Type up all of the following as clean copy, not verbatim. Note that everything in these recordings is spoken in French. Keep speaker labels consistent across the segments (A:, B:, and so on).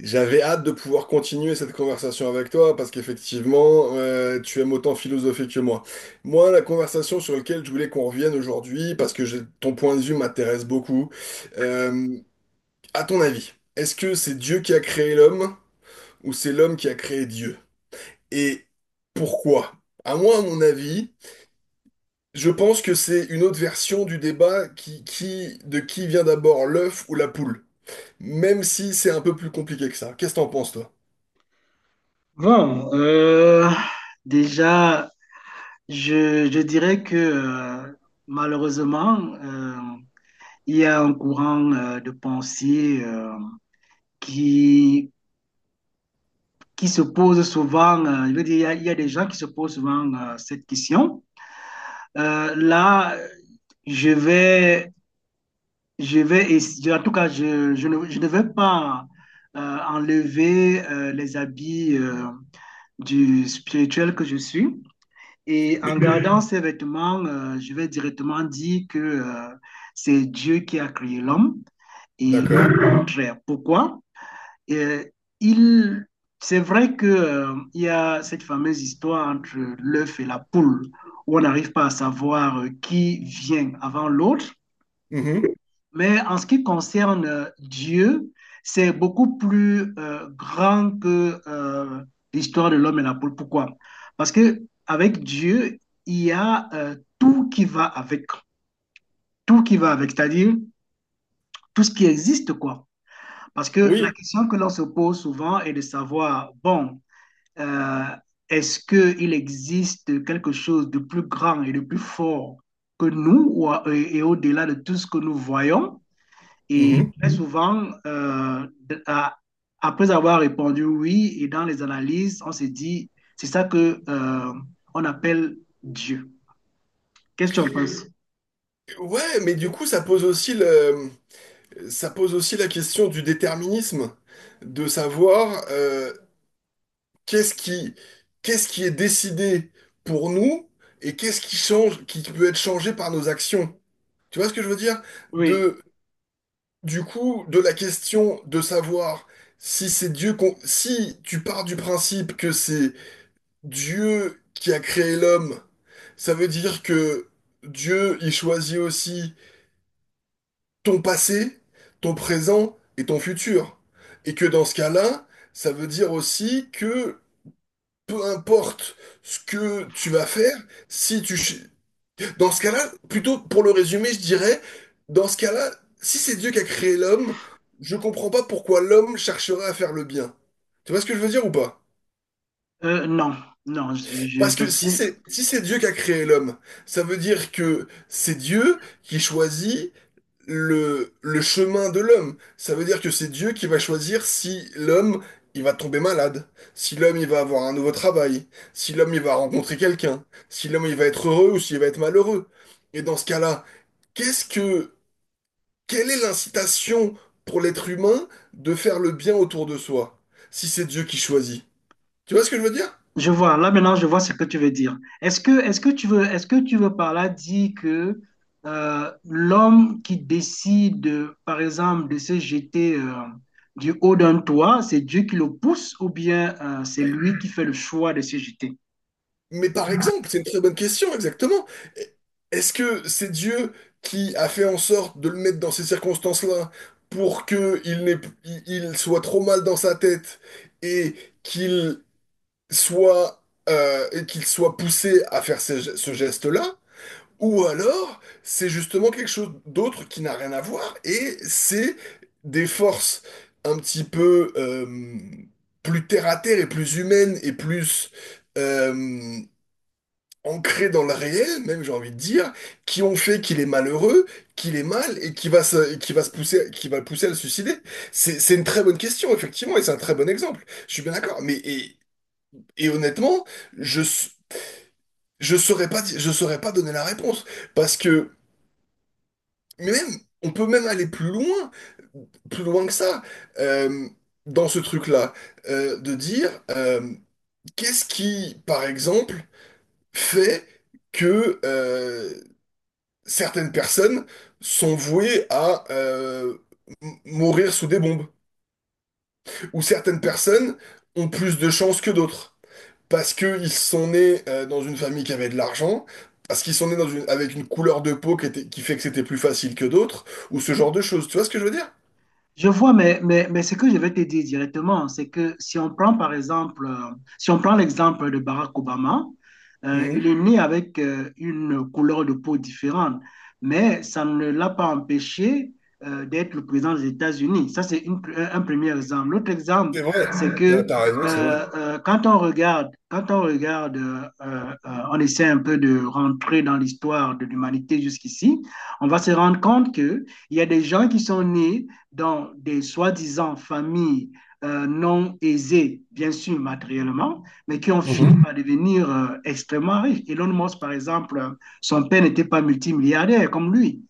A: J'avais hâte de pouvoir continuer cette conversation avec toi parce qu'effectivement, tu aimes autant philosopher que moi. Moi, la conversation sur laquelle je voulais qu'on revienne aujourd'hui, parce que ton point de vue m'intéresse beaucoup, euh, à ton avis, est-ce que c'est Dieu qui a créé l'homme ou c'est l'homme qui a créé Dieu? Et pourquoi? À moi, à mon avis, je pense que c'est une autre version du débat de qui vient d'abord l'œuf ou la poule. Même si c'est un peu plus compliqué que ça. Qu'est-ce que t'en penses, toi?
B: Bon, déjà, je dirais que malheureusement, il y a un courant de pensée qui, qui se pose souvent, je veux dire, il y a des gens qui se posent souvent cette question. Là, je vais, je vais en tout cas, je ne vais pas enlever les habits du spirituel que je suis. Et en
A: Mais-
B: regardant ces vêtements, je vais directement dire que c'est Dieu qui a créé l'homme et non
A: D'accord.
B: le contraire. Pourquoi? Euh, il, c'est vrai que, il y a cette fameuse histoire entre l'œuf et la poule où on n'arrive pas à savoir qui vient avant l'autre.
A: Mhm.
B: Mais en ce qui concerne Dieu, c'est beaucoup plus grand que l'histoire de l'homme et la poule. Pourquoi? Parce que avec Dieu, il y a tout qui va avec, tout qui va avec, c'est-à-dire tout ce qui existe, quoi. Parce que la
A: Oui.
B: question que l'on se pose souvent est de savoir, bon, euh, est-ce qu'il existe quelque chose de plus grand et de plus fort que nous ou, et au-delà de tout ce que nous voyons? Et
A: Mhm.
B: très souvent, à- après avoir répondu oui, et dans les analyses, on se dit, c'est ça que on appelle Dieu. Qu'est-ce que tu en penses?
A: Ouais, mais du coup, ça pose aussi la question du déterminisme, de savoir qu'est-ce qui, qu'est-ce qui est décidé pour nous et qu'est-ce qui change, qui peut être changé par nos actions. Tu vois ce que je veux dire?
B: Oui,
A: De, du coup, de la question de savoir si c'est si tu pars du principe que c'est Dieu qui a créé l'homme, ça veut dire que Dieu, il choisit aussi ton passé, ton présent et ton futur. Et que dans ce cas-là, ça veut dire aussi que peu importe ce que tu vas faire, si tu... ch- Dans ce cas-là, plutôt pour le résumer, je dirais, dans ce cas-là, si c'est Dieu qui a créé l'homme, je comprends pas pourquoi l'homme chercherait à faire le bien. Tu vois ce que je veux dire ou pas?
B: non, non, je
A: Parce que
B: t'assure.
A: si c'est Dieu qui a créé l'homme, ça veut dire que c'est Dieu qui choisit le chemin de l'homme. Ça veut dire que c'est Dieu qui va choisir si l'homme, il va tomber malade, si l'homme, il va avoir un nouveau travail, si l'homme, il va rencontrer quelqu'un, si l'homme, il va être heureux ou s'il va être malheureux. Et dans ce cas-là, qu'est-ce que, quelle est l'incitation pour l'être humain de faire le bien autour de soi, si c'est Dieu qui choisit? Tu vois ce que je veux dire?
B: Je vois, là maintenant, je vois ce que tu veux dire. Est-ce que tu veux, est-ce que tu veux par là dire que l'homme qui décide, par exemple, de se jeter du haut d'un toit, c'est Dieu qui le pousse ou bien c'est lui qui fait le choix de se jeter?
A: Mais par exemple, c'est une très bonne question, exactement. Est-ce que c'est Dieu qui a fait en sorte de le mettre dans ces circonstances-là pour que il n'ait- il soit trop mal dans sa tête et qu'il soit, qu'il soit poussé à faire ce geste-là? Ou alors, c'est justement quelque chose d'autre qui n'a rien à voir et c'est des forces un petit peu plus terre à terre et plus humaines et plus... euh, ancré dans le réel, même j'ai envie de dire, qui ont fait qu'il est malheureux, qu'il est mal et qui va se qui va le pousser à le suicider. C'est une très bonne question, effectivement, et c'est un très bon exemple. Je suis bien d'accord. Et honnêtement, je s- je saurais pas, je saurais pas donner la réponse parce que mais même on peut même aller plus loin que ça. Euh, dans ce truc-là, de dire qu'est-ce qui, par exemple, fait que certaines personnes sont vouées à mourir sous des bombes, ou certaines personnes ont plus de chances que d'autres, parce qu'ils sont nés dans une famille qui avait de l'argent, parce qu'ils sont nés avec une couleur de peau qui fait que c'était plus facile que d'autres, ou ce genre de choses. Tu vois ce que je veux dire?
B: Je vois, mais ce que je vais te dire directement, c'est que si on prend par exemple, si on prend l'exemple de Barack Obama,
A: Mhm.
B: il est né avec une couleur de peau différente, mais ça ne l'a pas empêché d'être le président des États-Unis. Ça, c'est un premier exemple. L'autre exemple,
A: C'est vrai,
B: c'est que
A: t'as t'as raison, c'est vrai.
B: quand on regarde, on essaie un peu de rentrer dans l'histoire de l'humanité jusqu'ici, on va se rendre compte que il y a des gens qui sont nés dans des soi-disant familles non aisées, bien sûr matériellement, mais qui ont fini
A: Mhm.
B: par devenir extrêmement riches. Elon Musk, par exemple, son père n'était pas multimilliardaire comme lui.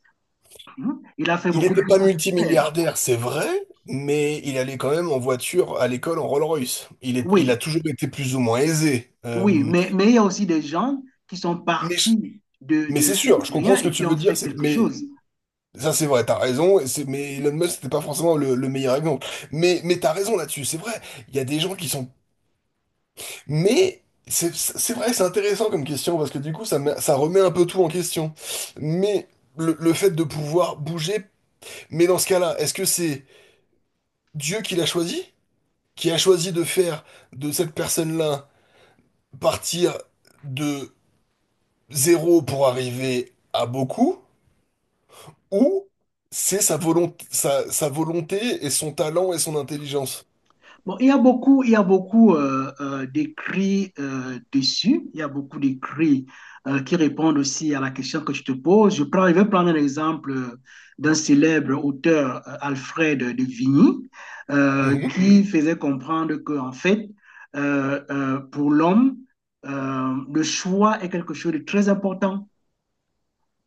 B: Mhm. Il a fait
A: Il
B: beaucoup
A: n'était
B: plus
A: pas
B: que son père.
A: multimilliardaire, c'est vrai, mais il allait quand même en voiture à l'école en Rolls-Royce. Il a
B: Oui,
A: toujours été plus ou moins aisé.
B: oui, mais il y a aussi des gens qui sont
A: Mais je-
B: partis
A: Mais c'est sûr, je
B: de rien
A: comprends ce que
B: et
A: tu
B: qui ont
A: veux dire,
B: fait quelque
A: mais
B: chose.
A: ça c'est vrai, t'as raison, mais Elon Musk c'était pas forcément le meilleur exemple. Mais t'as raison là-dessus, c'est vrai, il y a des gens qui sont... Mais c'est vrai, c'est intéressant comme question, parce que du coup ça remet un peu tout en question. Mais le fait de pouvoir bouger, mais dans ce cas-là, est-ce que c'est Dieu qui l'a choisi? Qui a choisi de faire de cette personne-là partir de zéro pour arriver à beaucoup? Ou c'est sa volonté et son talent et son intelligence.
B: Bon, il y a beaucoup, il y a beaucoup d'écrits dessus. Il y a beaucoup d'écrits qui répondent aussi à la question que tu te poses. Je prends, je vais prendre un exemple d'un célèbre auteur, Alfred de Vigny,
A: Mhm,
B: qui faisait comprendre que, en fait, pour l'homme, le choix est quelque chose de très important.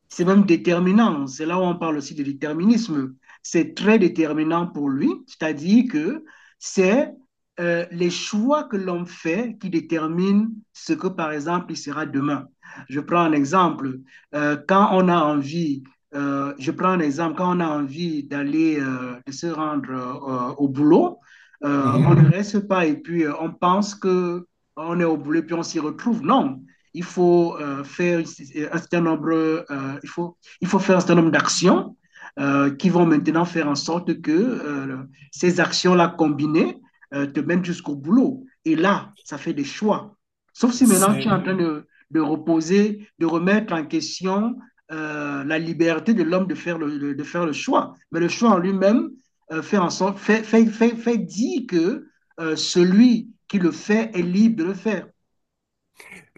B: C'est même déterminant. C'est là où on parle aussi de déterminisme. C'est très déterminant pour lui, c'est-à-dire que c'est les choix que l'on fait qui déterminent ce que, par exemple, il sera demain. Je prends un exemple. Quand on a envie, je prends un exemple, quand on a envie d'aller, de se rendre au boulot,
A: mhm.
B: on ne reste pas et puis on pense que on est au boulot et puis on s'y retrouve. Non, il faut faire un certain nombre, il faut faire un certain nombre d'actions qui vont maintenant faire en sorte que ces actions-là combinées te mènent jusqu'au boulot. Et là, ça fait des choix. Sauf si maintenant tu es
A: C'est,
B: en train de reposer, de remettre en question la liberté de l'homme de, de faire le choix. Mais le choix en lui-même fait, en sorte, fait, fait, fait, fait dire que celui qui le fait est libre de le faire.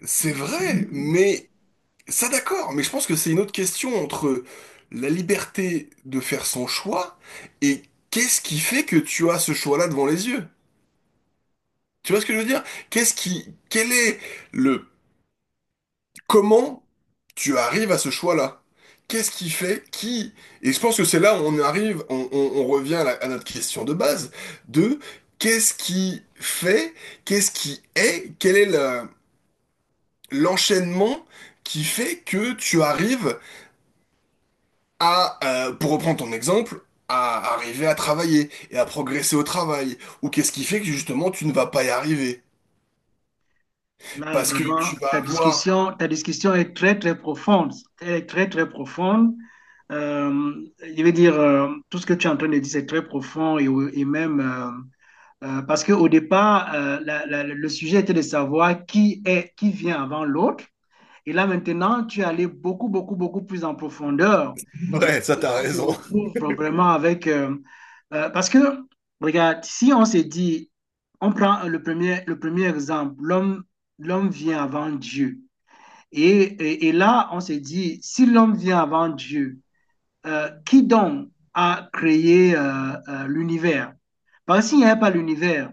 A: c'est vrai, mais ça d'accord, mais je pense que c'est une autre question entre la liberté de faire son choix et qu'est-ce qui fait que tu as ce choix-là devant les yeux? Tu vois ce que je veux dire? Qu'est-ce qui, quel est le Comment tu arrives à ce choix-là? Qu'est-ce qui fait qui? Et je pense que c'est là où on arrive, on revient à, à notre question de base, de qu'est-ce qui fait, qu'est-ce qui est, quel est l'enchaînement qui fait que tu arrives à, pour reprendre ton exemple, à arriver à travailler et à progresser au travail, ou qu'est-ce qui fait que justement tu ne vas pas y arriver?
B: Là,
A: Parce que
B: vraiment,
A: tu vas avoir...
B: ta discussion est très, très profonde. Elle est très, très profonde. Euh, je veux dire, tout ce que tu es en train de dire, c'est très profond et même parce qu'au départ, le sujet était de savoir qui est, qui vient avant l'autre. Et là, maintenant, tu es allé beaucoup, beaucoup, beaucoup plus en profondeur. Et
A: Ouais, ça t'as
B: on se
A: raison.
B: retrouve vraiment avec parce que, regarde, si on s'est dit, on prend le premier exemple, l'homme, l'homme vient avant Dieu. Et là, on s'est dit, si l'homme vient avant Dieu, qui donc a créé l'univers? Parce qu'il n'y avait pas l'univers,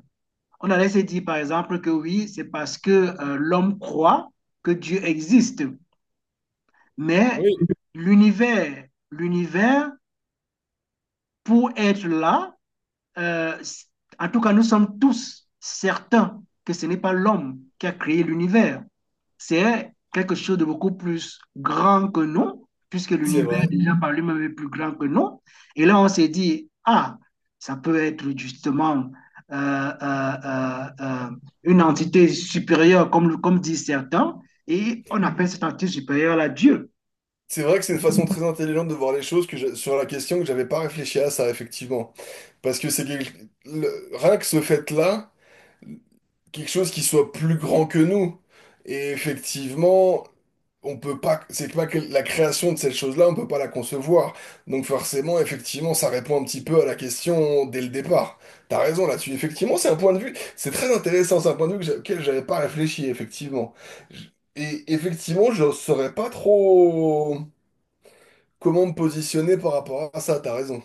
B: on allait se dire, par exemple, que oui, c'est parce que l'homme croit que Dieu existe. Mais
A: Oui,
B: l'univers, l'univers, pour être là, euh, en tout cas, nous sommes tous certains que ce n'est pas l'homme qui a créé l'univers. C'est quelque chose de beaucoup plus grand que nous, puisque
A: c'est
B: l'univers
A: vrai.
B: déjà par lui-même est plus grand que nous. Et là, on s'est dit, ah, ça peut être justement euh, euh, euh, euh, une entité supérieure, comme, comme disent certains, et on appelle cette entité supérieure la Dieu.
A: C'est vrai que c'est une façon très intelligente de voir les choses sur la question que j'avais pas réfléchi à ça, effectivement. Parce que rien que ce fait-là, quelque chose qui soit plus grand que nous. Et effectivement, on peut pas, c'est pas que la création de cette chose-là, on peut pas la concevoir. Donc forcément, effectivement, ça répond un petit peu à la question dès le départ. T'as raison là-dessus. Effectivement, c'est un point de vue, c'est très intéressant, c'est un point de vue auquel j'avais pas réfléchi, effectivement. J- Et effectivement, je saurais pas trop comment me positionner par rapport à ça, t'as raison.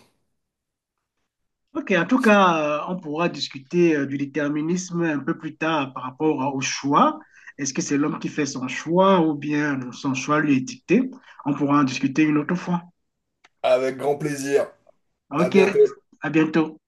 B: Ok, en tout cas, on pourra discuter du déterminisme un peu plus tard par rapport au choix. Est-ce que c'est l'homme qui fait son choix ou bien son choix lui est dicté? On pourra en discuter une autre fois.
A: Avec grand plaisir. À
B: Ok,
A: bientôt.
B: à bientôt.